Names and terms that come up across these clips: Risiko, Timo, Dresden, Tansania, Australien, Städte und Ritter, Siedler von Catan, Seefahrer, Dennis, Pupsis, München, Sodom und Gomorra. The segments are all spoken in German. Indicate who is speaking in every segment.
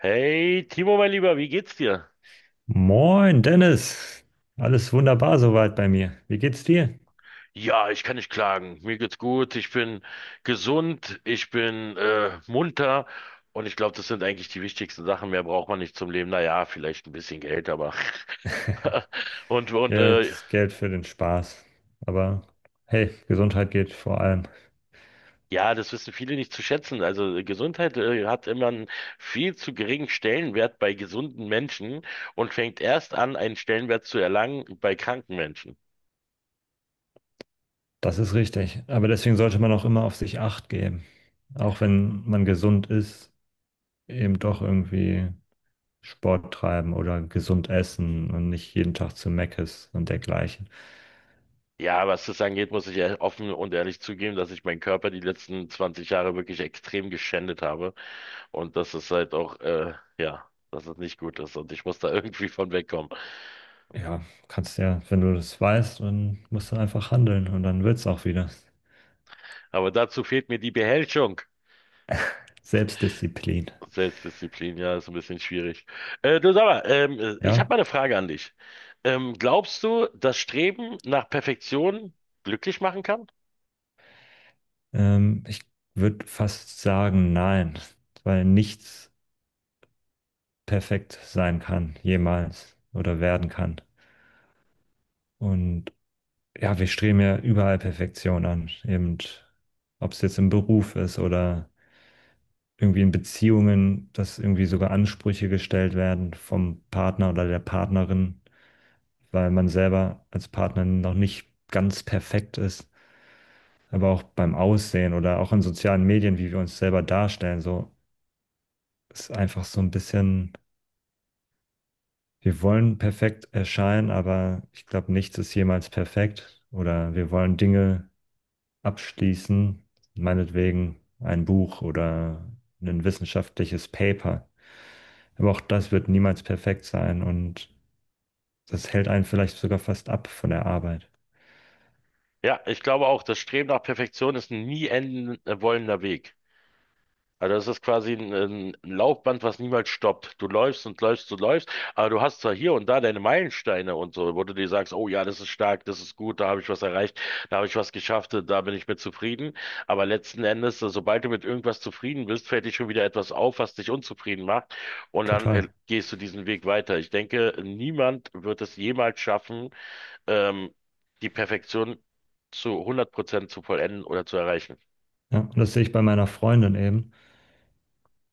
Speaker 1: Hey, Timo, mein Lieber, wie geht's dir?
Speaker 2: Moin, Dennis. Alles wunderbar soweit bei mir. Wie geht's dir?
Speaker 1: Ja, ich kann nicht klagen. Mir geht's gut. Ich bin gesund, ich bin munter und ich glaube, das sind eigentlich die wichtigsten Sachen. Mehr braucht man nicht zum Leben. Naja, vielleicht ein bisschen Geld, aber und und äh,
Speaker 2: Jetzt Geld für den Spaß. Aber hey, Gesundheit geht vor allem.
Speaker 1: ja, das wissen viele nicht zu schätzen. Also Gesundheit hat immer einen viel zu geringen Stellenwert bei gesunden Menschen und fängt erst an, einen Stellenwert zu erlangen bei kranken Menschen.
Speaker 2: Das ist richtig. Aber deswegen sollte man auch immer auf sich Acht geben. Auch wenn man gesund ist, eben doch irgendwie Sport treiben oder gesund essen und nicht jeden Tag zu Meckes und dergleichen.
Speaker 1: Ja, was das angeht, muss ich ja offen und ehrlich zugeben, dass ich meinen Körper die letzten 20 Jahre wirklich extrem geschändet habe und dass es halt auch, ja, dass es nicht gut ist und ich muss da irgendwie von wegkommen.
Speaker 2: Ja, kannst ja, wenn du das weißt, dann musst du einfach handeln und dann wird's auch wieder.
Speaker 1: Aber dazu fehlt mir die Beherrschung.
Speaker 2: Selbstdisziplin.
Speaker 1: Selbstdisziplin, ja, ist ein bisschen schwierig. Du sag mal, ich habe
Speaker 2: Ja?
Speaker 1: mal eine Frage an dich. Glaubst du, das Streben nach Perfektion glücklich machen kann?
Speaker 2: Ich würde fast sagen, nein, weil nichts perfekt sein kann, jemals oder werden kann. Und ja, wir streben ja überall Perfektion an, eben ob es jetzt im Beruf ist oder irgendwie in Beziehungen, dass irgendwie sogar Ansprüche gestellt werden vom Partner oder der Partnerin, weil man selber als Partner noch nicht ganz perfekt ist. Aber auch beim Aussehen oder auch in sozialen Medien, wie wir uns selber darstellen, so ist einfach so ein bisschen. Wir wollen perfekt erscheinen, aber ich glaube, nichts ist jemals perfekt. Oder wir wollen Dinge abschließen, meinetwegen ein Buch oder ein wissenschaftliches Paper. Aber auch das wird niemals perfekt sein und das hält einen vielleicht sogar fast ab von der Arbeit.
Speaker 1: Ja, ich glaube auch, das Streben nach Perfektion ist ein nie enden wollender Weg. Also das ist quasi ein Laufband, was niemals stoppt. Du läufst und läufst und läufst, aber du hast zwar hier und da deine Meilensteine und so, wo du dir sagst, oh ja, das ist stark, das ist gut, da habe ich was erreicht, da habe ich was geschafft, da bin ich mit zufrieden. Aber letzten Endes, also sobald du mit irgendwas zufrieden bist, fällt dir schon wieder etwas auf, was dich unzufrieden macht und dann
Speaker 2: Total.
Speaker 1: gehst du diesen Weg weiter. Ich denke, niemand wird es jemals schaffen, ähm, die Perfektion zu 100% zu vollenden oder zu erreichen.
Speaker 2: Ja, und das sehe ich bei meiner Freundin eben,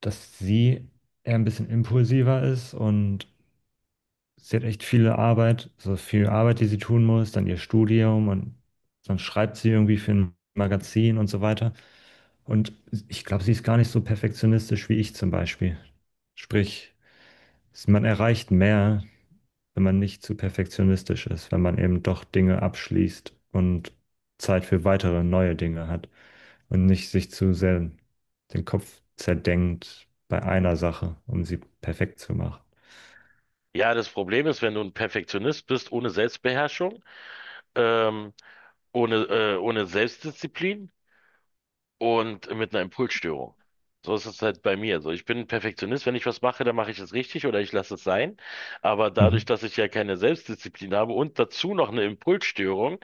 Speaker 2: dass sie eher ein bisschen impulsiver ist und sie hat echt viel Arbeit, so viel Arbeit, die sie tun muss, dann ihr Studium und dann schreibt sie irgendwie für ein Magazin und so weiter. Und ich glaube, sie ist gar nicht so perfektionistisch wie ich zum Beispiel. Sprich, man erreicht mehr, wenn man nicht zu perfektionistisch ist, wenn man eben doch Dinge abschließt und Zeit für weitere neue Dinge hat und nicht sich zu sehr den Kopf zerdenkt bei einer Sache, um sie perfekt zu machen.
Speaker 1: Ja, das Problem ist, wenn du ein Perfektionist bist, ohne Selbstbeherrschung, ähm, ohne Selbstdisziplin und mit einer Impulsstörung. So ist es halt bei mir. So, ich bin ein Perfektionist. Wenn ich was mache, dann mache ich es richtig oder ich lasse es sein. Aber dadurch,
Speaker 2: Mhm.
Speaker 1: dass ich ja keine Selbstdisziplin habe und dazu noch eine Impulsstörung,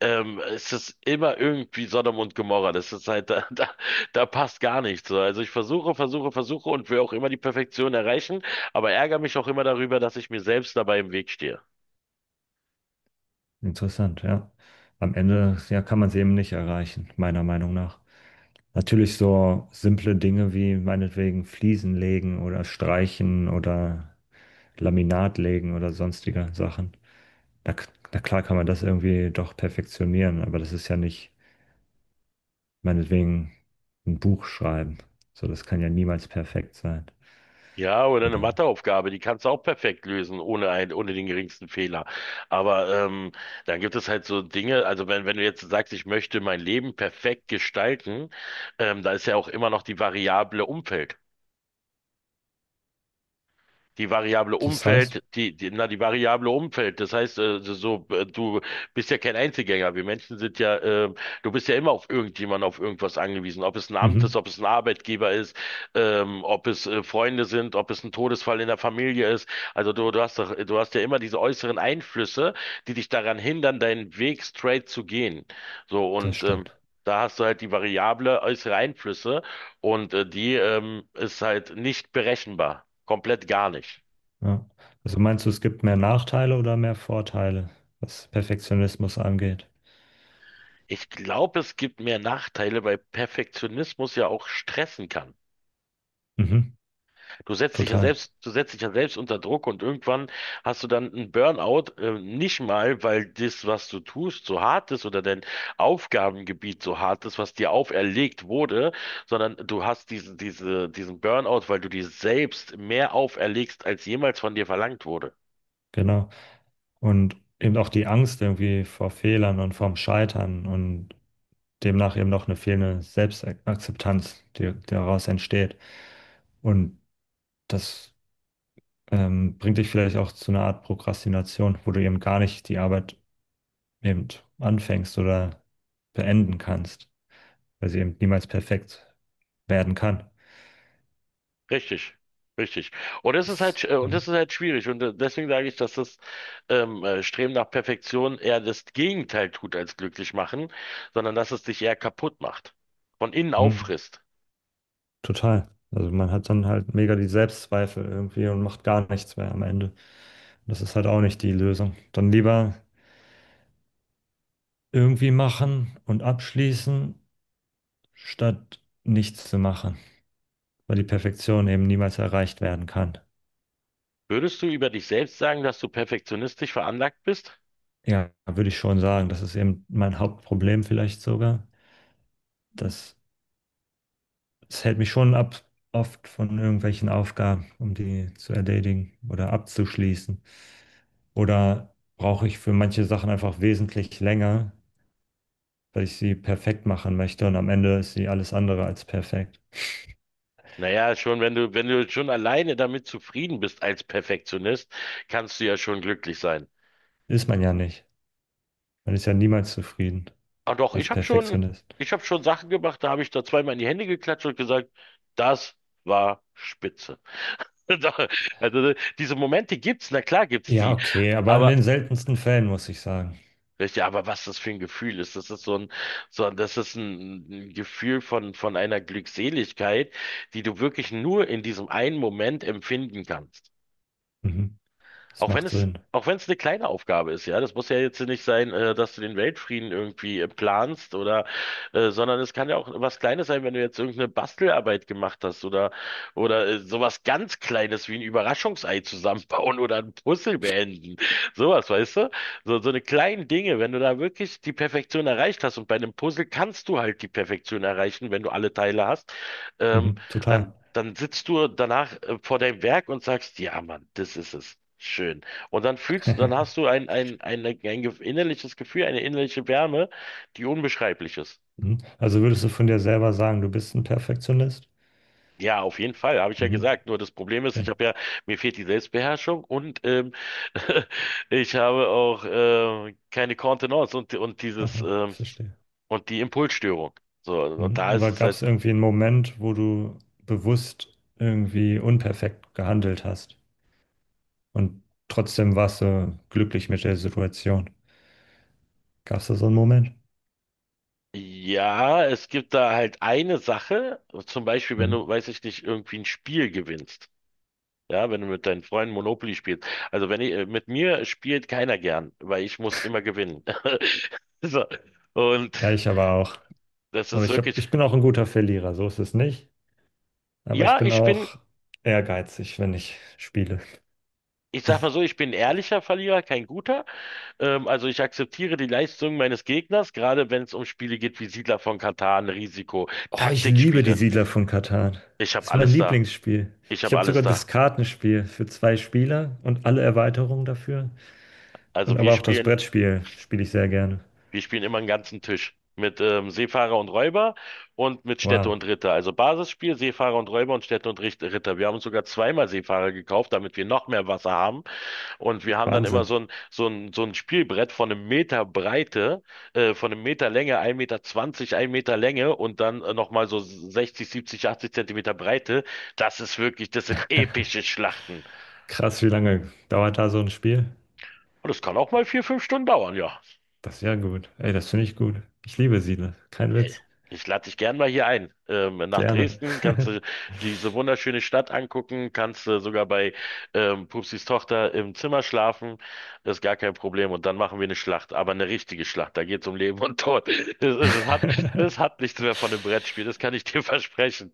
Speaker 1: ist es immer irgendwie Sodom und Gomorra. Das ist halt, da passt gar nichts. So, also ich versuche und will auch immer die Perfektion erreichen, aber ärgere mich auch immer darüber, dass ich mir selbst dabei im Weg stehe.
Speaker 2: Interessant, ja. Am Ende, ja, kann man es eben nicht erreichen, meiner Meinung nach. Natürlich so simple Dinge wie meinetwegen Fliesen legen oder streichen oder Laminat legen oder sonstige Sachen. Na, k- na klar kann man das irgendwie doch perfektionieren, aber das ist ja nicht meinetwegen ein Buch schreiben. So, das kann ja niemals perfekt sein.
Speaker 1: Ja, oder eine
Speaker 2: Oder
Speaker 1: Matheaufgabe, die kannst du auch perfekt lösen, ohne den geringsten Fehler. Aber dann gibt es halt so Dinge, also wenn du jetzt sagst, ich möchte mein Leben perfekt gestalten, da ist ja auch immer noch die Variable Umfeld. Die Variable
Speaker 2: das heißt,
Speaker 1: Umfeld, die Variable Umfeld, das heißt, du bist ja kein Einzelgänger. Wir Menschen sind ja, du bist ja immer auf irgendjemanden, auf irgendwas angewiesen. Ob es ein Amt ist,
Speaker 2: mhm,
Speaker 1: ob es ein Arbeitgeber ist, ob es Freunde sind, ob es ein Todesfall in der Familie ist. Also du hast doch, du hast ja immer diese äußeren Einflüsse, die dich daran hindern, deinen Weg straight zu gehen. So,
Speaker 2: das
Speaker 1: und,
Speaker 2: stimmt.
Speaker 1: da hast du halt die Variable äußere Einflüsse und die ist halt nicht berechenbar. Komplett gar nicht.
Speaker 2: Ja. Also meinst du, es gibt mehr Nachteile oder mehr Vorteile, was Perfektionismus angeht?
Speaker 1: Ich glaube, es gibt mehr Nachteile, weil Perfektionismus ja auch stressen kann.
Speaker 2: Mhm, total,
Speaker 1: Du setzt dich ja selbst unter Druck und irgendwann hast du dann einen Burnout, nicht mal, weil das, was du tust, so hart ist oder dein Aufgabengebiet so hart ist, was dir auferlegt wurde, sondern du hast diesen Burnout, weil du dir selbst mehr auferlegst, als jemals von dir verlangt wurde.
Speaker 2: genau. Und eben auch die Angst irgendwie vor Fehlern und vorm Scheitern und demnach eben auch eine fehlende Selbstakzeptanz, die daraus entsteht. Und das bringt dich vielleicht auch zu einer Art Prokrastination, wo du eben gar nicht die Arbeit eben anfängst oder beenden kannst, weil sie eben niemals perfekt werden kann.
Speaker 1: Richtig, richtig. Und das ist
Speaker 2: Das,
Speaker 1: halt, und
Speaker 2: ja.
Speaker 1: das ist halt schwierig. Und deswegen sage ich, dass das Streben nach Perfektion eher das Gegenteil tut als glücklich machen, sondern dass es dich eher kaputt macht, von innen
Speaker 2: Hm.
Speaker 1: auffrisst.
Speaker 2: Total. Also man hat dann halt mega die Selbstzweifel irgendwie und macht gar nichts mehr am Ende. Das ist halt auch nicht die Lösung. Dann lieber irgendwie machen und abschließen, statt nichts zu machen, weil die Perfektion eben niemals erreicht werden kann.
Speaker 1: Würdest du über dich selbst sagen, dass du perfektionistisch veranlagt bist?
Speaker 2: Ja, würde ich schon sagen. Das ist eben mein Hauptproblem vielleicht sogar. Das, das hält mich schon ab, oft von irgendwelchen Aufgaben, um die zu erledigen oder abzuschließen. Oder brauche ich für manche Sachen einfach wesentlich länger, weil ich sie perfekt machen möchte und am Ende ist sie alles andere als perfekt.
Speaker 1: Naja, schon, wenn du schon alleine damit zufrieden bist als Perfektionist, kannst du ja schon glücklich sein.
Speaker 2: Ist man ja nicht. Man ist ja niemals zufrieden
Speaker 1: Ah doch,
Speaker 2: als Perfektionist.
Speaker 1: ich habe schon Sachen gemacht, da habe ich da zweimal in die Hände geklatscht und gesagt, das war spitze. Doch, also diese Momente gibt's, na klar gibt's
Speaker 2: Ja,
Speaker 1: die.
Speaker 2: okay, aber in
Speaker 1: Aber
Speaker 2: den seltensten Fällen muss ich sagen.
Speaker 1: weißt du, aber was das für ein Gefühl ist, das ist das ist ein Gefühl von einer Glückseligkeit, die du wirklich nur in diesem einen Moment empfinden kannst.
Speaker 2: Mhm. Das
Speaker 1: Auch wenn
Speaker 2: macht
Speaker 1: es,
Speaker 2: Sinn.
Speaker 1: auch wenn es eine kleine Aufgabe ist, ja. Das muss ja jetzt nicht sein, dass du den Weltfrieden irgendwie planst oder, sondern es kann ja auch was Kleines sein, wenn du jetzt irgendeine Bastelarbeit gemacht hast oder sowas ganz Kleines wie ein Überraschungsei zusammenbauen oder ein Puzzle beenden. Sowas, weißt du? So, so eine kleinen Dinge, wenn du da wirklich die Perfektion erreicht hast und bei einem Puzzle kannst du halt die Perfektion erreichen, wenn du alle Teile hast. Ähm,
Speaker 2: Mhm. Total.
Speaker 1: Dann, dann sitzt du danach vor deinem Werk und sagst, ja, Mann, das ist es. Schön. Und dann dann hast du ein innerliches Gefühl, eine innerliche Wärme, die unbeschreiblich ist.
Speaker 2: Mhm. Also würdest du von dir selber sagen, du bist ein Perfektionist?
Speaker 1: Ja, auf jeden Fall, habe ich ja
Speaker 2: Mhm.
Speaker 1: gesagt. Nur das Problem ist,
Speaker 2: Okay,
Speaker 1: mir fehlt die Selbstbeherrschung und ich habe auch keine Kontenance und dieses
Speaker 2: aha, verstehe.
Speaker 1: und die Impulsstörung. So, und
Speaker 2: Mhm.
Speaker 1: da ist
Speaker 2: Aber
Speaker 1: es
Speaker 2: gab es
Speaker 1: halt.
Speaker 2: irgendwie einen Moment, wo du bewusst irgendwie unperfekt gehandelt hast und trotzdem warst du glücklich mit der Situation? Gab es da so einen Moment?
Speaker 1: Ja, es gibt da halt eine Sache, zum Beispiel, wenn
Speaker 2: Hm.
Speaker 1: du, weiß ich nicht, irgendwie ein Spiel gewinnst. Ja, wenn du mit deinen Freunden Monopoly spielst. Also wenn ich, Mit mir spielt keiner gern, weil ich muss immer gewinnen. So. Und
Speaker 2: Ja, ich aber auch.
Speaker 1: das
Speaker 2: Aber
Speaker 1: ist wirklich,
Speaker 2: ich bin auch ein guter Verlierer, so ist es nicht. Aber ich
Speaker 1: ja,
Speaker 2: bin auch ehrgeizig, wenn ich spiele.
Speaker 1: ich sag mal so, ich bin ein ehrlicher Verlierer, kein guter. Also ich akzeptiere die Leistung meines Gegners, gerade wenn es um Spiele geht wie Siedler von Catan, Risiko,
Speaker 2: Oh, ich liebe die
Speaker 1: Taktikspiele.
Speaker 2: Siedler von Catan.
Speaker 1: Ich
Speaker 2: Das
Speaker 1: habe
Speaker 2: ist mein
Speaker 1: alles da.
Speaker 2: Lieblingsspiel.
Speaker 1: Ich
Speaker 2: Ich
Speaker 1: habe
Speaker 2: habe
Speaker 1: alles
Speaker 2: sogar das
Speaker 1: da.
Speaker 2: Kartenspiel für 2 Spieler und alle Erweiterungen dafür. Und
Speaker 1: Also wir
Speaker 2: aber auch das
Speaker 1: spielen
Speaker 2: Brettspiel spiele ich sehr gerne.
Speaker 1: Wir spielen immer einen ganzen Tisch. Mit Seefahrer und Räuber und mit Städte
Speaker 2: Wow,
Speaker 1: und Ritter. Also Basisspiel, Seefahrer und Räuber und Städte und Ritter. Wir haben uns sogar zweimal Seefahrer gekauft, damit wir noch mehr Wasser haben. Und wir haben dann immer
Speaker 2: Wahnsinn.
Speaker 1: so ein Spielbrett von einem Meter Breite, von einem Meter Länge, ein Meter, zwanzig, ein Meter Länge und dann nochmal so 60, 70, 80 Zentimeter Breite. Das ist wirklich, das sind epische Schlachten.
Speaker 2: Krass, wie lange dauert da so ein Spiel?
Speaker 1: Und das kann auch mal 4, 5 Stunden dauern, ja.
Speaker 2: Das ist ja gut. Ey, das finde ich gut. Ich liebe Siedler. Kein
Speaker 1: Hey,
Speaker 2: Witz.
Speaker 1: ich lade dich gern mal hier ein. Nach
Speaker 2: Gerne.
Speaker 1: Dresden kannst du diese wunderschöne Stadt angucken, kannst du sogar bei Pupsis Tochter im Zimmer schlafen. Das ist gar kein Problem. Und dann machen wir eine Schlacht, aber eine richtige Schlacht. Da geht es um Leben und Tod. Es hat nichts mehr von einem Brettspiel, das kann ich dir versprechen.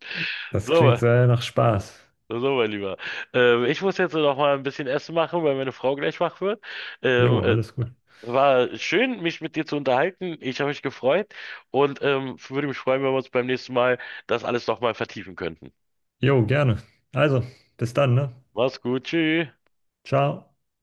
Speaker 2: Das
Speaker 1: So,
Speaker 2: klingt sehr nach Spaß.
Speaker 1: mein Lieber. Ich muss jetzt noch mal ein bisschen Essen machen, weil meine Frau gleich wach wird. Ähm,
Speaker 2: Jo,
Speaker 1: äh,
Speaker 2: alles gut.
Speaker 1: War schön, mich mit dir zu unterhalten. Ich habe mich gefreut und würde mich freuen, wenn wir uns beim nächsten Mal das alles nochmal vertiefen könnten.
Speaker 2: Jo, gerne. Also, bis dann, ne?
Speaker 1: Mach's gut, tschüss.
Speaker 2: Ciao.